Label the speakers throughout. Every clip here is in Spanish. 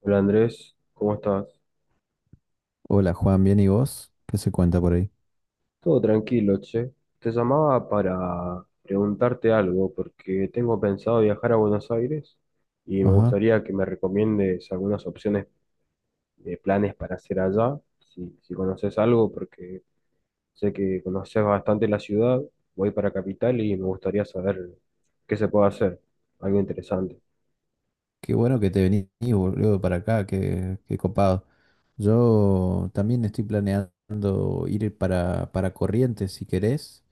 Speaker 1: Hola Andrés, ¿cómo estás?
Speaker 2: Hola Juan, ¿bien y vos? ¿Qué se cuenta por ahí?
Speaker 1: Todo tranquilo, che. Te llamaba para preguntarte algo porque tengo pensado viajar a Buenos Aires y me
Speaker 2: Ajá.
Speaker 1: gustaría que me recomiendes algunas opciones de planes para hacer allá, si conoces algo, porque sé que conoces bastante la ciudad, voy para Capital y me gustaría saber qué se puede hacer, algo interesante.
Speaker 2: Qué bueno que te venís, boludo, para acá, qué copado. Yo también estoy planeando ir para Corrientes, si querés.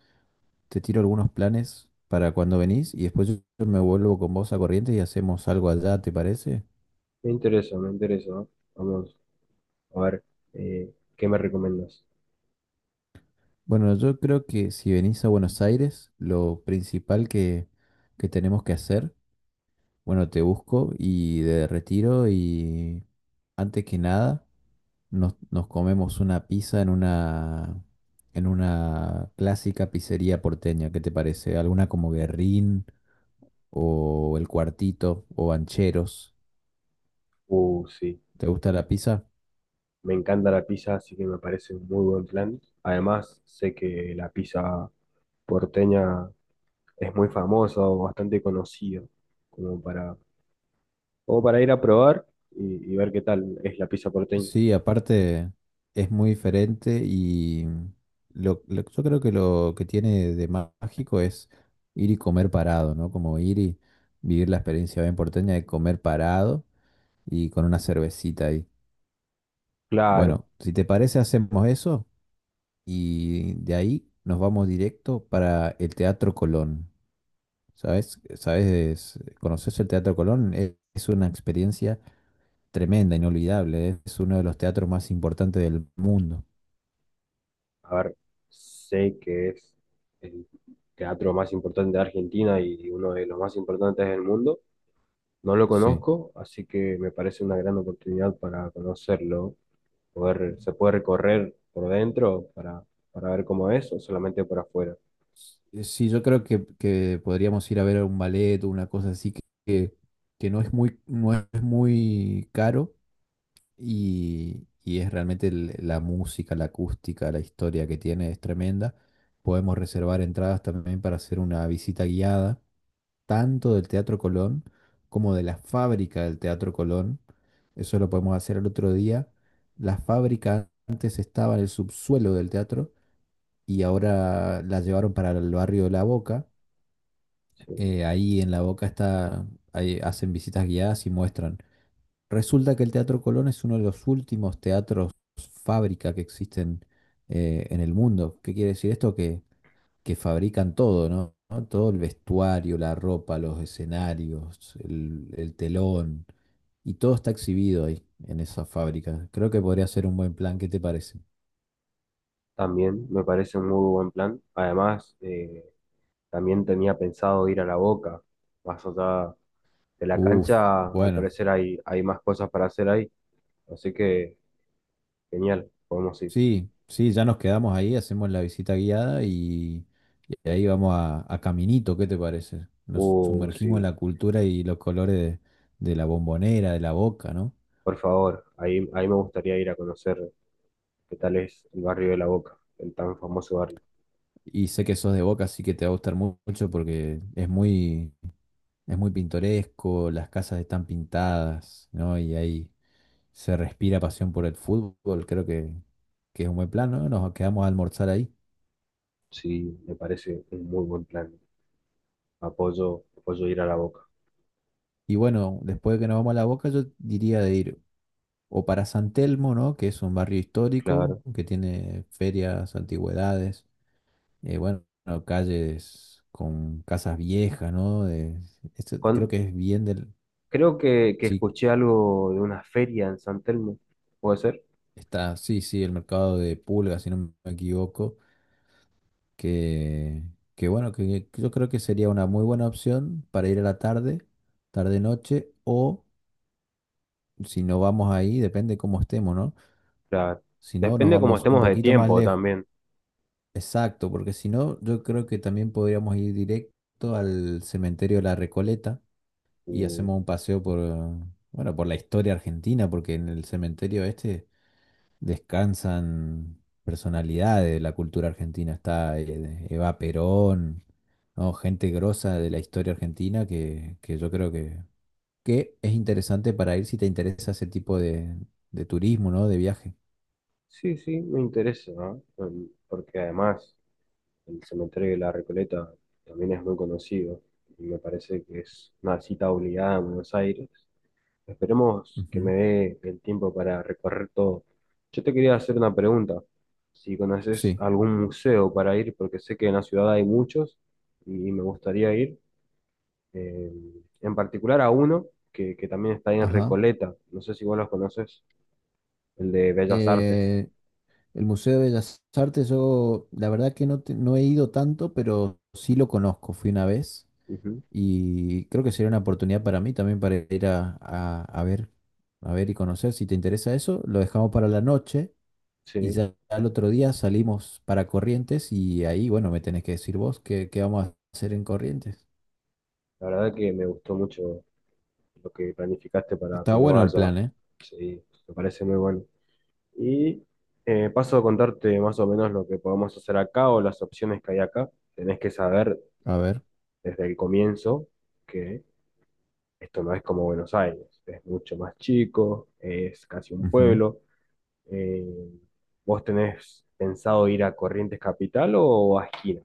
Speaker 2: Te tiro algunos planes para cuando venís y después yo me vuelvo con vos a Corrientes y hacemos algo allá, ¿te parece?
Speaker 1: Me interesa, me interesa. Vamos a ver, ¿qué me recomiendas?
Speaker 2: Bueno, yo creo que si venís a Buenos Aires, lo principal que tenemos que hacer, bueno, te busco y de retiro y antes que nada. Nos comemos una pizza en una clásica pizzería porteña. ¿Qué te parece? ¿Alguna como Guerrín o El Cuartito o Bancheros?
Speaker 1: Sí.
Speaker 2: ¿Te gusta la pizza?
Speaker 1: Me encanta la pizza, así que me parece un muy buen plan. Además, sé que la pizza porteña es muy famosa o bastante conocida, como para, o para ir a probar y ver qué tal es la pizza porteña.
Speaker 2: Sí, aparte es muy diferente y yo creo que lo que tiene de mágico es ir y comer parado, ¿no? Como ir y vivir la experiencia bien porteña de comer parado y con una cervecita ahí.
Speaker 1: Claro,
Speaker 2: Bueno, si te parece, hacemos eso. Y de ahí nos vamos directo para el Teatro Colón. ¿Sabes? ¿Sabes? ¿Conoces el Teatro Colón? Es una experiencia tremenda, inolvidable, ¿eh? Es uno de los teatros más importantes del mundo.
Speaker 1: a ver, sé que es el teatro más importante de Argentina y uno de los más importantes del mundo. No lo
Speaker 2: Sí.
Speaker 1: conozco, así que me parece una gran oportunidad para conocerlo, poder, se puede recorrer por dentro para ver cómo es o solamente por afuera.
Speaker 2: Sí, yo creo que podríamos ir a ver un ballet o una cosa así que, que no es muy caro y es realmente la música, la acústica, la historia que tiene es tremenda. Podemos reservar entradas también para hacer una visita guiada, tanto del Teatro Colón como de la fábrica del Teatro Colón. Eso lo podemos hacer el otro día. La fábrica antes estaba en el subsuelo del teatro y ahora la llevaron para el barrio de La Boca.
Speaker 1: Sí,
Speaker 2: Ahí en La Boca está, ahí hacen visitas guiadas y muestran. Resulta que el Teatro Colón es uno de los últimos teatros fábrica que existen en el mundo. ¿Qué quiere decir esto? Que fabrican todo, ¿no? ¿no? Todo el vestuario, la ropa, los escenarios, el telón, y todo está exhibido ahí en esa fábrica. Creo que podría ser un buen plan. ¿Qué te parece?
Speaker 1: también me parece un muy buen plan. Además, también tenía pensado ir a La Boca, más allá de la
Speaker 2: Uf,
Speaker 1: cancha, al
Speaker 2: bueno.
Speaker 1: parecer hay más cosas para hacer ahí, así que genial, podemos ir.
Speaker 2: Sí, sí, ya nos quedamos ahí, hacemos la visita guiada y ahí vamos a Caminito, ¿qué te parece? Nos sumergimos en
Speaker 1: Sí,
Speaker 2: la cultura y los colores de la Bombonera, de la Boca, ¿no?
Speaker 1: por favor, ahí me gustaría ir a conocer qué tal es el barrio de La Boca, el tan famoso barrio.
Speaker 2: Y sé que sos de Boca, así que te va a gustar mucho porque es muy pintoresco, las casas están pintadas, ¿no? Y ahí se respira pasión por el fútbol, creo que es un buen plan, ¿no? Nos quedamos a almorzar ahí.
Speaker 1: Sí, me parece un muy buen plan. Apoyo, apoyo ir a la Boca,
Speaker 2: Y bueno, después de que nos vamos a la Boca, yo diría de ir o para San Telmo, ¿no? Que es un barrio histórico
Speaker 1: claro.
Speaker 2: que tiene ferias, antigüedades, bueno, calles con casas viejas, ¿no? Esto creo
Speaker 1: Con-
Speaker 2: que es bien del...
Speaker 1: Creo que
Speaker 2: Sí,
Speaker 1: escuché algo de una feria en San Telmo, ¿puede ser?
Speaker 2: está, sí, sí, el mercado de Pulga, si no me equivoco, que, que bueno, que yo creo que sería una muy buena opción para ir a la tarde, tarde-noche, o si no vamos ahí, depende cómo estemos, ¿no?
Speaker 1: Claro.
Speaker 2: Si no, nos
Speaker 1: Depende cómo
Speaker 2: vamos un
Speaker 1: estemos de
Speaker 2: poquito más
Speaker 1: tiempo
Speaker 2: lejos.
Speaker 1: también.
Speaker 2: Exacto, porque si no, yo creo que también podríamos ir directo al cementerio de la Recoleta y
Speaker 1: Mm,
Speaker 2: hacemos un paseo por, bueno, por la historia argentina, porque en el cementerio este descansan personalidades de la cultura argentina. Está Eva Perón, ¿no? Gente grosa de la historia argentina que yo creo que es interesante para ir si te interesa ese tipo de turismo, ¿no? De viaje.
Speaker 1: sí, sí, me interesa, ¿no? Mm, porque además el cementerio de la Recoleta también es muy conocido y me parece que es una cita obligada en Buenos Aires. Esperemos que me
Speaker 2: Ujú.
Speaker 1: dé el tiempo para recorrer todo. Yo te quería hacer una pregunta. Si conoces
Speaker 2: Sí.
Speaker 1: algún museo para ir, porque sé que en la ciudad hay muchos y me gustaría ir, eh, en particular a uno que también está ahí en
Speaker 2: Ajá.
Speaker 1: Recoleta. No sé si vos los conoces, el de Bellas Artes.
Speaker 2: Eh, El Museo de Bellas Artes, yo la verdad que no, no he ido tanto, pero sí lo conozco, fui una vez
Speaker 1: Ujú,
Speaker 2: y creo que sería una oportunidad para mí también para ir a ver y conocer. Si te interesa eso, lo dejamos para la noche y
Speaker 1: sí,
Speaker 2: ya al otro día salimos para Corrientes y ahí, bueno, me tenés que decir vos qué vamos a hacer en Corrientes.
Speaker 1: la verdad que me gustó mucho lo que planificaste para
Speaker 2: Está
Speaker 1: cuando
Speaker 2: bueno el
Speaker 1: vaya.
Speaker 2: plan, ¿eh?
Speaker 1: Sí, me parece muy bueno. Y paso a contarte más o menos lo que podemos hacer acá o las opciones que hay acá. Tenés que saber
Speaker 2: A ver.
Speaker 1: desde el comienzo que esto no es como Buenos Aires, es mucho más chico, es casi un
Speaker 2: Ujú.
Speaker 1: pueblo. Eh, ¿Vos tenés pensado ir a Corrientes Capital o a Esquina,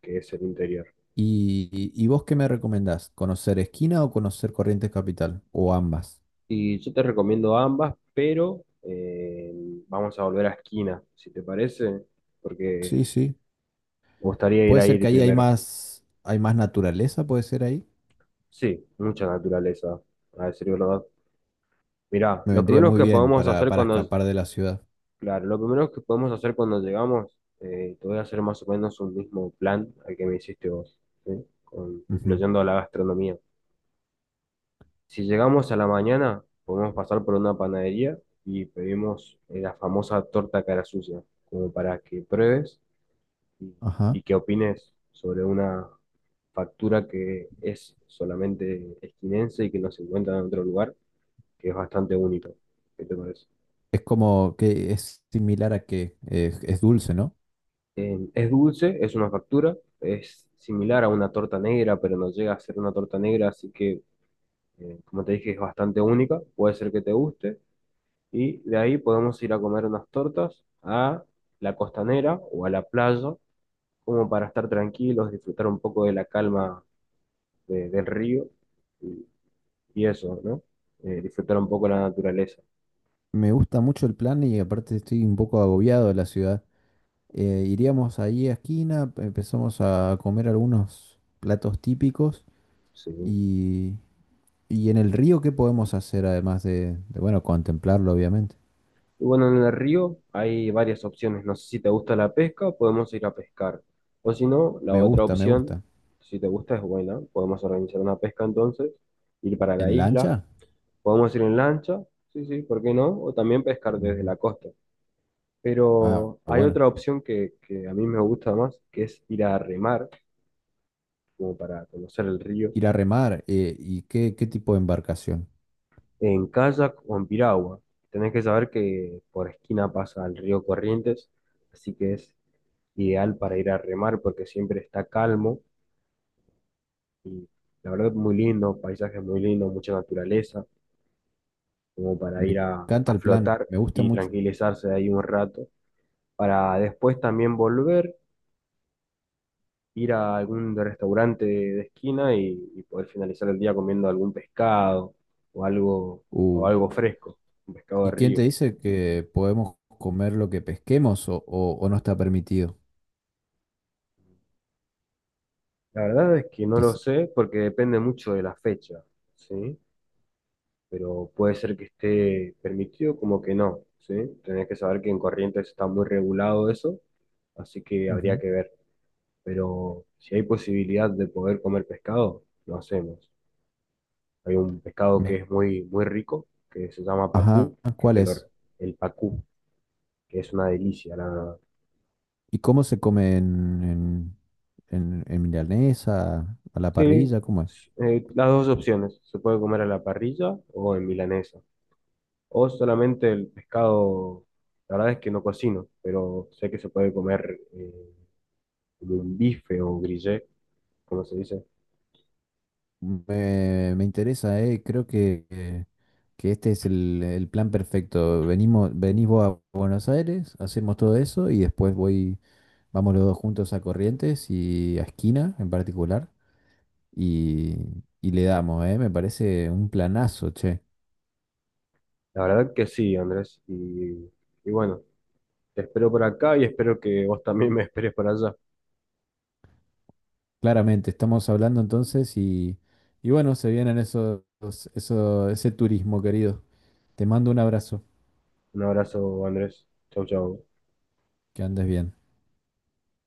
Speaker 1: que es el interior?
Speaker 2: Y vos qué me recomendás? ¿Conocer Esquina o conocer Corrientes Capital? ¿O ambas?
Speaker 1: Y yo te recomiendo ambas, pero vamos a volver a Esquina, si te parece, porque
Speaker 2: Sí, sí.
Speaker 1: me gustaría ir
Speaker 2: Puede
Speaker 1: a
Speaker 2: ser que
Speaker 1: ir
Speaker 2: ahí
Speaker 1: primero.
Speaker 2: hay más naturaleza, puede ser ahí.
Speaker 1: Sí, mucha naturaleza, a decir verdad. Mirá,
Speaker 2: Me
Speaker 1: lo
Speaker 2: vendría
Speaker 1: primero
Speaker 2: muy
Speaker 1: que
Speaker 2: bien
Speaker 1: podemos hacer
Speaker 2: para
Speaker 1: cuando,
Speaker 2: escapar de la ciudad.
Speaker 1: claro, lo primero que podemos hacer cuando llegamos, te voy a hacer más o menos un mismo plan al que me hiciste vos, ¿sí?
Speaker 2: Ujú.
Speaker 1: Incluyendo la gastronomía. Si llegamos a la mañana, podemos pasar por una panadería y pedimos la famosa torta cara sucia, como para que pruebes y,
Speaker 2: Ajá.
Speaker 1: y que opines sobre una factura que es solamente esquinense y que no se encuentra en otro lugar, que es bastante único. ¿Qué te parece?
Speaker 2: Es como que es similar a que es dulce, ¿no?
Speaker 1: Es dulce, es una factura, es similar a una torta negra, pero no llega a ser una torta negra, así que, como te dije, es bastante única, puede ser que te guste. Y de ahí podemos ir a comer unas tortas a la costanera o a la playa, como para estar tranquilos, disfrutar un poco de la calma de- del río y, y eso, ¿no? Disfrutar un poco la naturaleza.
Speaker 2: Me gusta mucho el plan y aparte estoy un poco agobiado de la ciudad. Iríamos ahí a esquina, empezamos a comer algunos platos típicos
Speaker 1: Sí.
Speaker 2: y, y en el río, ¿qué podemos hacer además bueno, contemplarlo, obviamente?
Speaker 1: Y bueno, en el río hay varias opciones. No sé si te gusta la pesca, podemos ir a pescar. O si no, la
Speaker 2: Me
Speaker 1: otra
Speaker 2: gusta, me
Speaker 1: opción,
Speaker 2: gusta.
Speaker 1: si te gusta, es buena. Podemos organizar una pesca entonces, ir para la
Speaker 2: ¿En
Speaker 1: isla.
Speaker 2: lancha?
Speaker 1: Podemos ir en lancha, sí, sí, ¿por qué no? O también pescar desde
Speaker 2: Ujú.
Speaker 1: la costa.
Speaker 2: Ah,
Speaker 1: Pero hay
Speaker 2: bueno.
Speaker 1: otra opción que a mí me gusta más, que es ir a remar, como para conocer el río,
Speaker 2: Ir a remar y qué tipo de embarcación.
Speaker 1: en kayak o en piragua. Tenés que saber que por esquina pasa el río Corrientes, así que es ideal para ir a remar porque siempre está calmo y la verdad es muy lindo, paisaje muy lindo, mucha naturaleza, como
Speaker 2: Me
Speaker 1: para ir
Speaker 2: encanta
Speaker 1: a
Speaker 2: el plan,
Speaker 1: flotar
Speaker 2: me gusta
Speaker 1: y
Speaker 2: mucho.
Speaker 1: tranquilizarse ahí un rato, para después también volver, ir a algún restaurante de esquina y poder finalizar el día comiendo algún pescado o algo, o
Speaker 2: Uh,
Speaker 1: algo fresco, un pescado de
Speaker 2: ¿Y quién te
Speaker 1: río.
Speaker 2: dice que podemos comer lo que pesquemos o, o no está permitido?
Speaker 1: La verdad es que no lo
Speaker 2: Dice,
Speaker 1: sé porque depende mucho de la fecha, ¿sí? Pero puede ser que esté permitido como que no, ¿sí? Tenés que saber que en Corrientes está muy regulado eso, así que habría
Speaker 2: ujú.
Speaker 1: que ver. Pero si hay posibilidad de poder comer pescado, lo hacemos. Hay un pescado que
Speaker 2: Me-
Speaker 1: es muy, muy rico, que se llama
Speaker 2: ajá,
Speaker 1: pacú, que
Speaker 2: ¿cuál
Speaker 1: te lo,
Speaker 2: es?
Speaker 1: el pacú, que es una delicia, la verdad.
Speaker 2: ¿Y cómo se come en milanesa, a la
Speaker 1: Sí,
Speaker 2: parrilla? ¿Cómo es?
Speaker 1: las dos opciones, se puede comer a la parrilla o en milanesa, o solamente el pescado, la verdad es que no cocino, pero sé que se puede comer como un bife o grillé, como se dice.
Speaker 2: Me interesa, creo que que este es el plan perfecto. Venimos, venís vos a Buenos Aires, hacemos todo eso y después voy. Vamos los dos juntos a Corrientes y a Esquina en particular y, y le damos, ¿eh? Me parece un planazo, che.
Speaker 1: La verdad que sí, Andrés. Y bueno, te espero por acá y espero que vos también me esperes por allá.
Speaker 2: Claramente, estamos hablando entonces y bueno, se vienen esos, eso, ese turismo, querido. Te mando un abrazo,
Speaker 1: Un abrazo, Andrés. Chau, chau.
Speaker 2: que andes bien.